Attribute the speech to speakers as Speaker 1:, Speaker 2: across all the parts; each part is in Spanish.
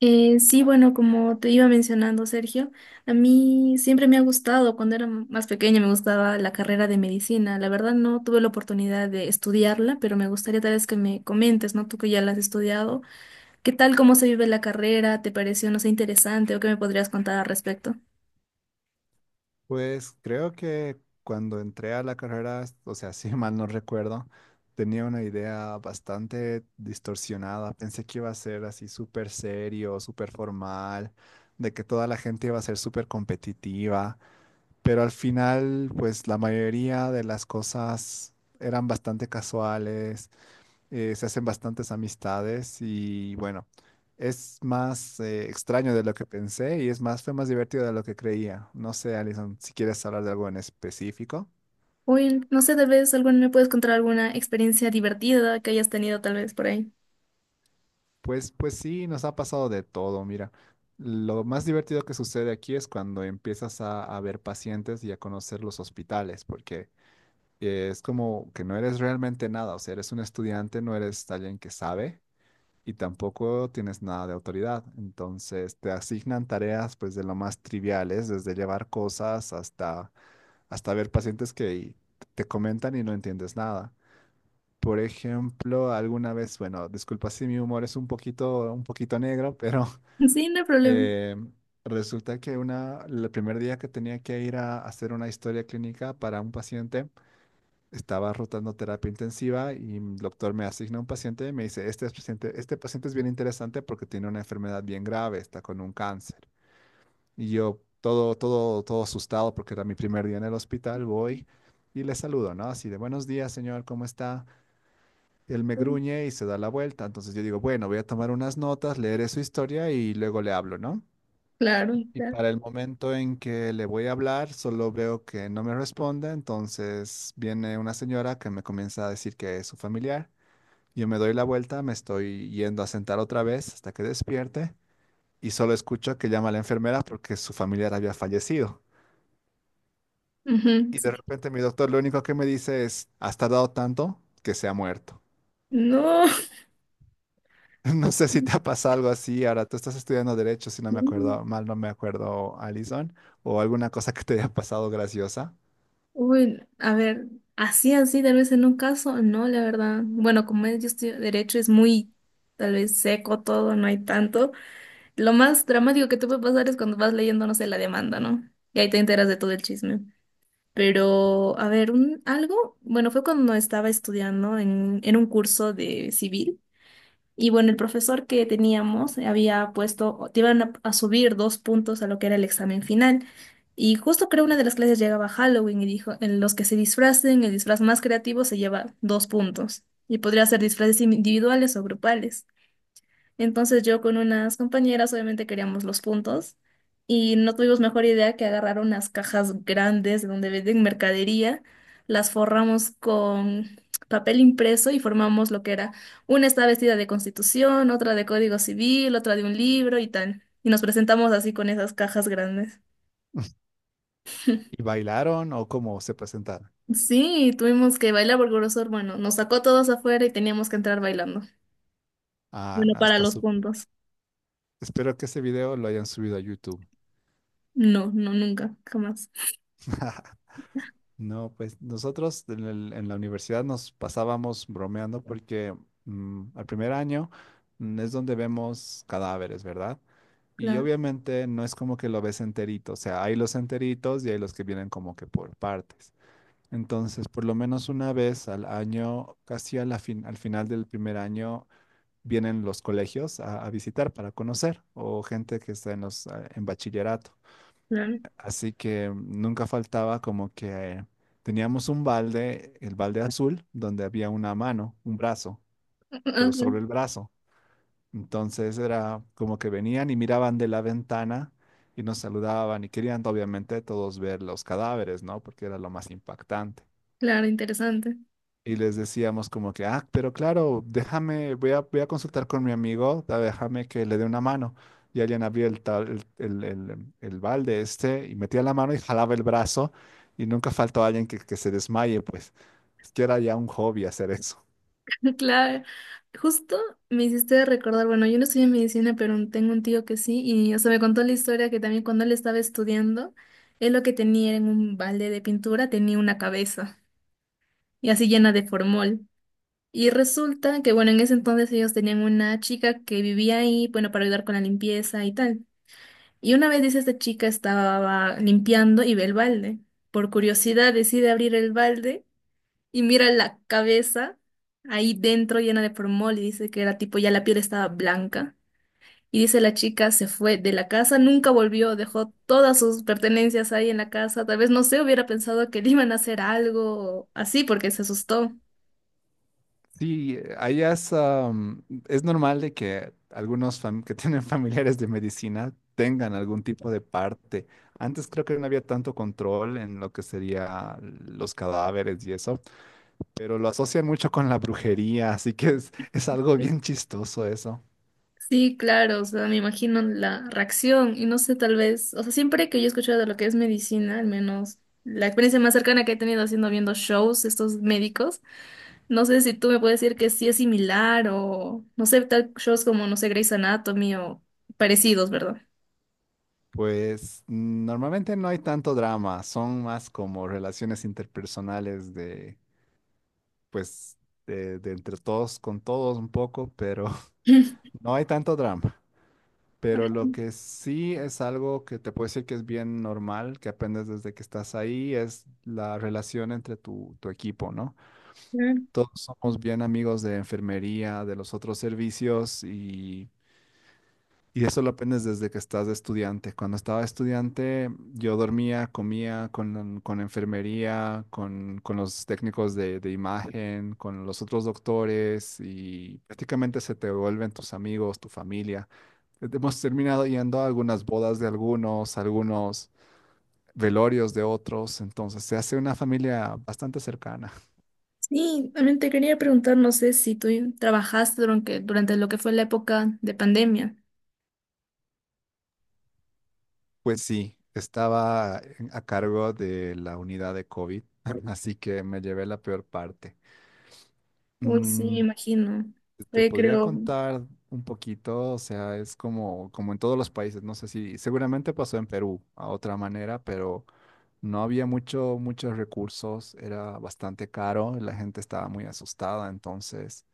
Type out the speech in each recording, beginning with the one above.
Speaker 1: Sí, bueno, como te iba mencionando, Sergio, a mí siempre me ha gustado. Cuando era más pequeña me gustaba la carrera de medicina. La verdad no tuve la oportunidad de estudiarla, pero me gustaría tal vez que me comentes, ¿no? Tú que ya la has estudiado, ¿qué tal, cómo se vive la carrera? ¿Te pareció, no sé, interesante o qué me podrías contar al respecto?
Speaker 2: Pues creo que cuando entré a la carrera, o sea, si mal no recuerdo, tenía una idea bastante distorsionada. Pensé que iba a ser así súper serio, súper formal, de que toda la gente iba a ser súper competitiva, pero al final, pues la mayoría de las cosas eran bastante casuales. Se hacen bastantes amistades y bueno, es más extraño de lo que pensé y es más, fue más divertido de lo que creía. No sé, Alison, si quieres hablar de algo en específico.
Speaker 1: Uy, no sé, tal vez alguna, me puedes contar alguna experiencia divertida que hayas tenido tal vez por ahí.
Speaker 2: Pues sí, nos ha pasado de todo, mira. Lo más divertido que sucede aquí es cuando empiezas a ver pacientes y a conocer los hospitales, porque es como que no eres realmente nada, o sea, eres un estudiante, no eres alguien que sabe, y tampoco tienes nada de autoridad. Entonces te asignan tareas pues de lo más triviales, desde llevar cosas hasta, hasta ver pacientes que te comentan y no entiendes nada. Por ejemplo, alguna vez, bueno, disculpa si mi humor es un poquito negro, pero
Speaker 1: Sí, no hay problema.
Speaker 2: eh, resulta que una, el primer día que tenía que ir a hacer una historia clínica para un paciente, estaba rotando terapia intensiva y el doctor me asigna un paciente y me dice, este es paciente, este paciente es bien interesante porque tiene una enfermedad bien grave, está con un cáncer. Y yo todo, todo, todo asustado porque era mi primer día en el hospital, voy y le saludo, ¿no? Así de, buenos días, señor, ¿cómo está? Él me gruñe y se da la vuelta. Entonces yo digo, bueno, voy a tomar unas notas, leeré su historia y luego le hablo, ¿no?
Speaker 1: Claro,
Speaker 2: Y
Speaker 1: claro.
Speaker 2: para el momento en que le voy a hablar, solo veo que no me responde, entonces viene una señora que me comienza a decir que es su familiar. Yo me doy la vuelta, me estoy yendo a sentar otra vez hasta que despierte y solo escucho que llama a la enfermera porque su familiar había fallecido.
Speaker 1: Ujú,
Speaker 2: Y de
Speaker 1: sí.
Speaker 2: repente mi doctor lo único que me dice es, has tardado tanto que se ha muerto.
Speaker 1: No.
Speaker 2: No sé si te ha pasado algo así. Ahora tú estás estudiando derecho, si no me acuerdo mal, no me acuerdo, Alison, o alguna cosa que te haya pasado graciosa.
Speaker 1: Uy, a ver, así, así, tal vez en un caso, no, la verdad. Bueno, como es, yo estudio derecho, es muy, tal vez seco todo, no hay tanto. Lo más dramático que te puede pasar es cuando vas leyendo, no sé, la demanda, ¿no? Y ahí te enteras de todo el chisme. Pero, a ver, un, algo, bueno, fue cuando estaba estudiando en un curso de civil. Y bueno, el profesor que teníamos había puesto, te iban a subir dos puntos a lo que era el examen final. Y justo creo una de las clases llegaba Halloween y dijo, en los que se disfracen, el disfraz más creativo se lleva dos puntos. Y podría ser disfraces individuales o grupales. Entonces yo con unas compañeras obviamente queríamos los puntos y no tuvimos mejor idea que agarrar unas cajas grandes donde venden mercadería, las forramos con papel impreso y formamos lo que era una está vestida de Constitución, otra de Código Civil, otra de un libro y tal. Y nos presentamos así con esas cajas grandes.
Speaker 2: ¿Y bailaron o cómo se presentaron?
Speaker 1: Sí, tuvimos que bailar porque Grosor, hermano nos sacó todos afuera y teníamos que entrar bailando.
Speaker 2: Ah,
Speaker 1: Bueno,
Speaker 2: no,
Speaker 1: para
Speaker 2: está
Speaker 1: los
Speaker 2: su...
Speaker 1: puntos.
Speaker 2: Espero que ese video lo hayan subido a YouTube.
Speaker 1: No, no, nunca, jamás.
Speaker 2: No, pues nosotros en, en la universidad nos pasábamos bromeando porque al primer año es donde vemos cadáveres, ¿verdad? Y
Speaker 1: Claro,
Speaker 2: obviamente no es como que lo ves enterito, o sea, hay los enteritos y hay los que vienen como que por partes. Entonces, por lo menos una vez al año, casi a la al final del primer año, vienen los colegios a visitar para conocer o gente que está en los en bachillerato.
Speaker 1: claro.
Speaker 2: Así que nunca faltaba como que teníamos un balde, el balde azul, donde había una mano, un brazo, pero sobre el brazo. Entonces era como que venían y miraban de la ventana y nos saludaban y querían obviamente todos ver los cadáveres, ¿no? Porque era lo más impactante.
Speaker 1: Claro, interesante.
Speaker 2: Y les decíamos como que, ah, pero claro, déjame, voy a consultar con mi amigo, déjame que le dé una mano. Y alguien abría el, el balde este y metía la mano y jalaba el brazo y nunca faltó alguien que se desmaye, pues es que era ya un hobby hacer eso.
Speaker 1: Claro, justo me hiciste recordar, bueno, yo no estudié medicina, pero tengo un tío que sí, y o sea, me contó la historia que también cuando él estaba estudiando, él lo que tenía era en un balde de pintura tenía una cabeza, y así llena de formol. Y resulta que, bueno, en ese entonces ellos tenían una chica que vivía ahí, bueno, para ayudar con la limpieza y tal. Y una vez dice, esta chica estaba limpiando y ve el balde. Por curiosidad decide abrir el balde, y mira la cabeza ahí dentro llena de formol y dice que era tipo ya la piel estaba blanca. Y dice la chica se fue de la casa, nunca volvió, dejó todas sus pertenencias ahí en la casa. Tal vez no sé, hubiera pensado que le iban a hacer algo o así porque se asustó.
Speaker 2: Sí, allá es, es normal de que algunos que tienen familiares de medicina tengan algún tipo de parte. Antes creo que no había tanto control en lo que sería los cadáveres y eso. Pero lo asocian mucho con la brujería, así que es algo bien chistoso eso.
Speaker 1: Sí, claro, o sea, me imagino la reacción y no sé, tal vez, o sea, siempre que yo he escuchado de lo que es medicina, al menos la experiencia más cercana que he tenido haciendo viendo shows, estos médicos, no sé si tú me puedes decir que sí es similar o, no sé, tal shows como, no sé, Grey's Anatomy o parecidos, ¿verdad?
Speaker 2: Pues normalmente no hay tanto drama, son más como relaciones interpersonales de, pues, de entre todos con todos un poco, pero no hay tanto drama. Pero lo que sí es algo que te puedo decir que es bien normal, que aprendes desde que estás ahí, es la relación entre tu equipo, ¿no?
Speaker 1: Claro.
Speaker 2: Todos somos bien amigos de enfermería, de los otros servicios y eso lo aprendes desde que estás de estudiante. Cuando estaba estudiante, yo dormía, comía con enfermería, con los técnicos de imagen, con los otros doctores y prácticamente se te vuelven tus amigos, tu familia. Hemos terminado yendo a algunas bodas de algunos, algunos velorios de otros, entonces se hace una familia bastante cercana.
Speaker 1: Sí, también te quería preguntar, no sé si tú trabajaste durante lo que fue la época de pandemia.
Speaker 2: Pues sí, estaba a cargo de la unidad de COVID, así que me llevé la peor parte.
Speaker 1: Uy, sí, me
Speaker 2: Mm,
Speaker 1: imagino.
Speaker 2: Te
Speaker 1: Fue,
Speaker 2: podría
Speaker 1: creo,
Speaker 2: contar un poquito, o sea, es como, como en todos los países, no sé si seguramente pasó en Perú a otra manera, pero no había mucho, muchos recursos, era bastante caro, la gente estaba muy asustada, entonces,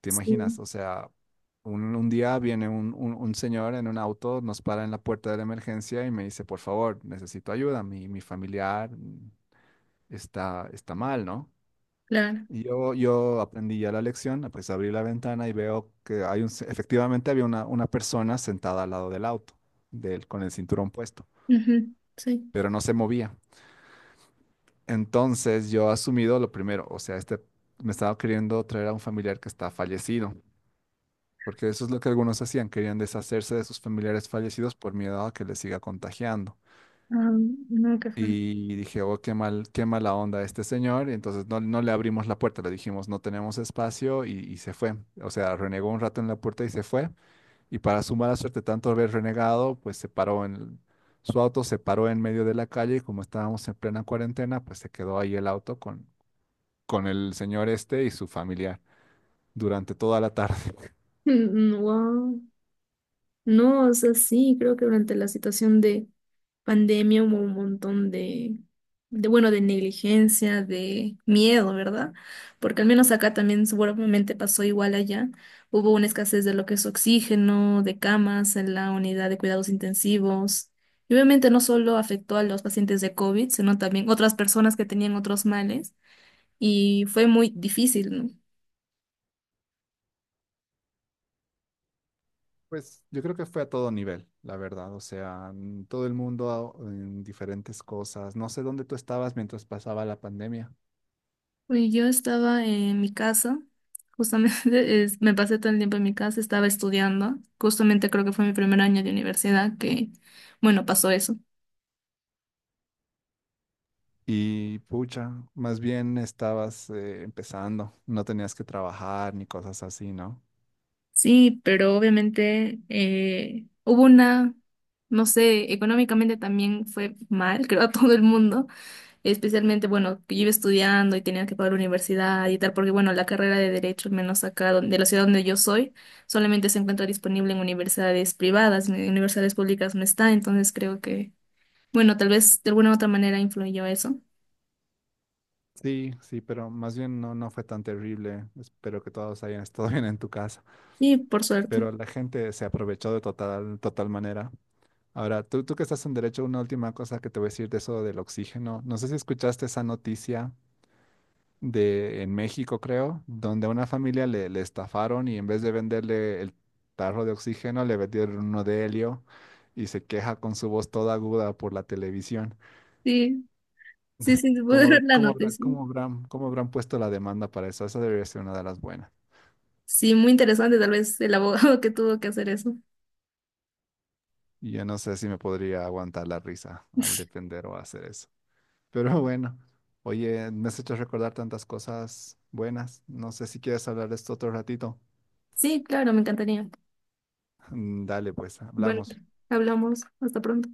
Speaker 2: ¿te imaginas?
Speaker 1: sí,
Speaker 2: O sea, un, un día viene un señor en un auto, nos para en la puerta de la emergencia y me dice, por favor, necesito ayuda, mi familiar está, está mal, ¿no?
Speaker 1: claro.
Speaker 2: Yo aprendí ya la lección, ah, pues abrí la ventana y veo que hay un, efectivamente había una persona sentada al lado del auto, del, con el cinturón puesto,
Speaker 1: Ujú, sí.
Speaker 2: pero no se movía. Entonces yo asumido lo primero, o sea, este me estaba queriendo traer a un familiar que está fallecido, porque eso es lo que algunos hacían, querían deshacerse de sus familiares fallecidos por miedo a que les siga contagiando.
Speaker 1: Ah, no, qué fue.
Speaker 2: Y dije, oh, qué mal, qué mala onda este señor. Y entonces no, no le abrimos la puerta, le dijimos, no tenemos espacio y se fue. O sea, renegó un rato en la puerta y se fue. Y para su mala suerte, tanto haber renegado, pues se paró en, su auto se paró en medio de la calle y como estábamos en plena cuarentena, pues se quedó ahí el auto con el señor este y su familiar durante toda la tarde.
Speaker 1: Wow. No, o sea, sí, creo que durante la situación de pandemia hubo un montón de bueno, de negligencia, de miedo, ¿verdad? Porque al menos acá también seguramente pasó igual allá. Hubo una escasez de lo que es oxígeno, de camas en la unidad de cuidados intensivos. Y obviamente no solo afectó a los pacientes de COVID, sino también otras personas que tenían otros males. Y fue muy difícil, ¿no?
Speaker 2: Pues yo creo que fue a todo nivel, la verdad. O sea, todo el mundo en diferentes cosas. No sé dónde tú estabas mientras pasaba la pandemia.
Speaker 1: Uy, yo estaba en mi casa, justamente me pasé todo el tiempo en mi casa, estaba estudiando, justamente creo que fue mi primer año de universidad que, bueno, pasó eso.
Speaker 2: Y pucha, más bien estabas empezando, no tenías que trabajar ni cosas así, ¿no?
Speaker 1: Sí, pero obviamente hubo una, no sé, económicamente también fue mal, creo, a todo el mundo, especialmente, bueno, que yo iba estudiando y tenía que pagar la universidad y tal, porque, bueno, la carrera de Derecho, al menos acá de la ciudad donde yo soy, solamente se encuentra disponible en universidades privadas, en universidades públicas no está, entonces creo que, bueno, tal vez de alguna u otra manera influyó eso.
Speaker 2: Sí, sí, pero más bien no, no fue tan terrible. Espero que todos hayan estado bien en tu casa.
Speaker 1: Y por suerte.
Speaker 2: Pero la gente se aprovechó de total, total manera. Ahora, tú que estás en derecho, una última cosa que te voy a decir de eso del oxígeno. No sé si escuchaste esa noticia de en México, creo, donde a una familia le, le estafaron y en vez de venderle el tarro de oxígeno, le vendieron uno de helio y se queja con su voz toda aguda por la televisión.
Speaker 1: Sí, sí, sí, te puedo dar
Speaker 2: ¿Cómo,
Speaker 1: la noticia.
Speaker 2: cómo habrán puesto la demanda para eso? Esa debería ser una de las buenas.
Speaker 1: Sí, muy interesante, tal vez el abogado que tuvo que hacer eso.
Speaker 2: Y yo no sé si me podría aguantar la risa al defender o hacer eso. Pero bueno, oye, me has hecho recordar tantas cosas buenas. No sé si quieres hablar de esto otro ratito.
Speaker 1: Sí, claro, me encantaría.
Speaker 2: Dale, pues,
Speaker 1: Bueno,
Speaker 2: hablamos.
Speaker 1: hablamos. Hasta pronto.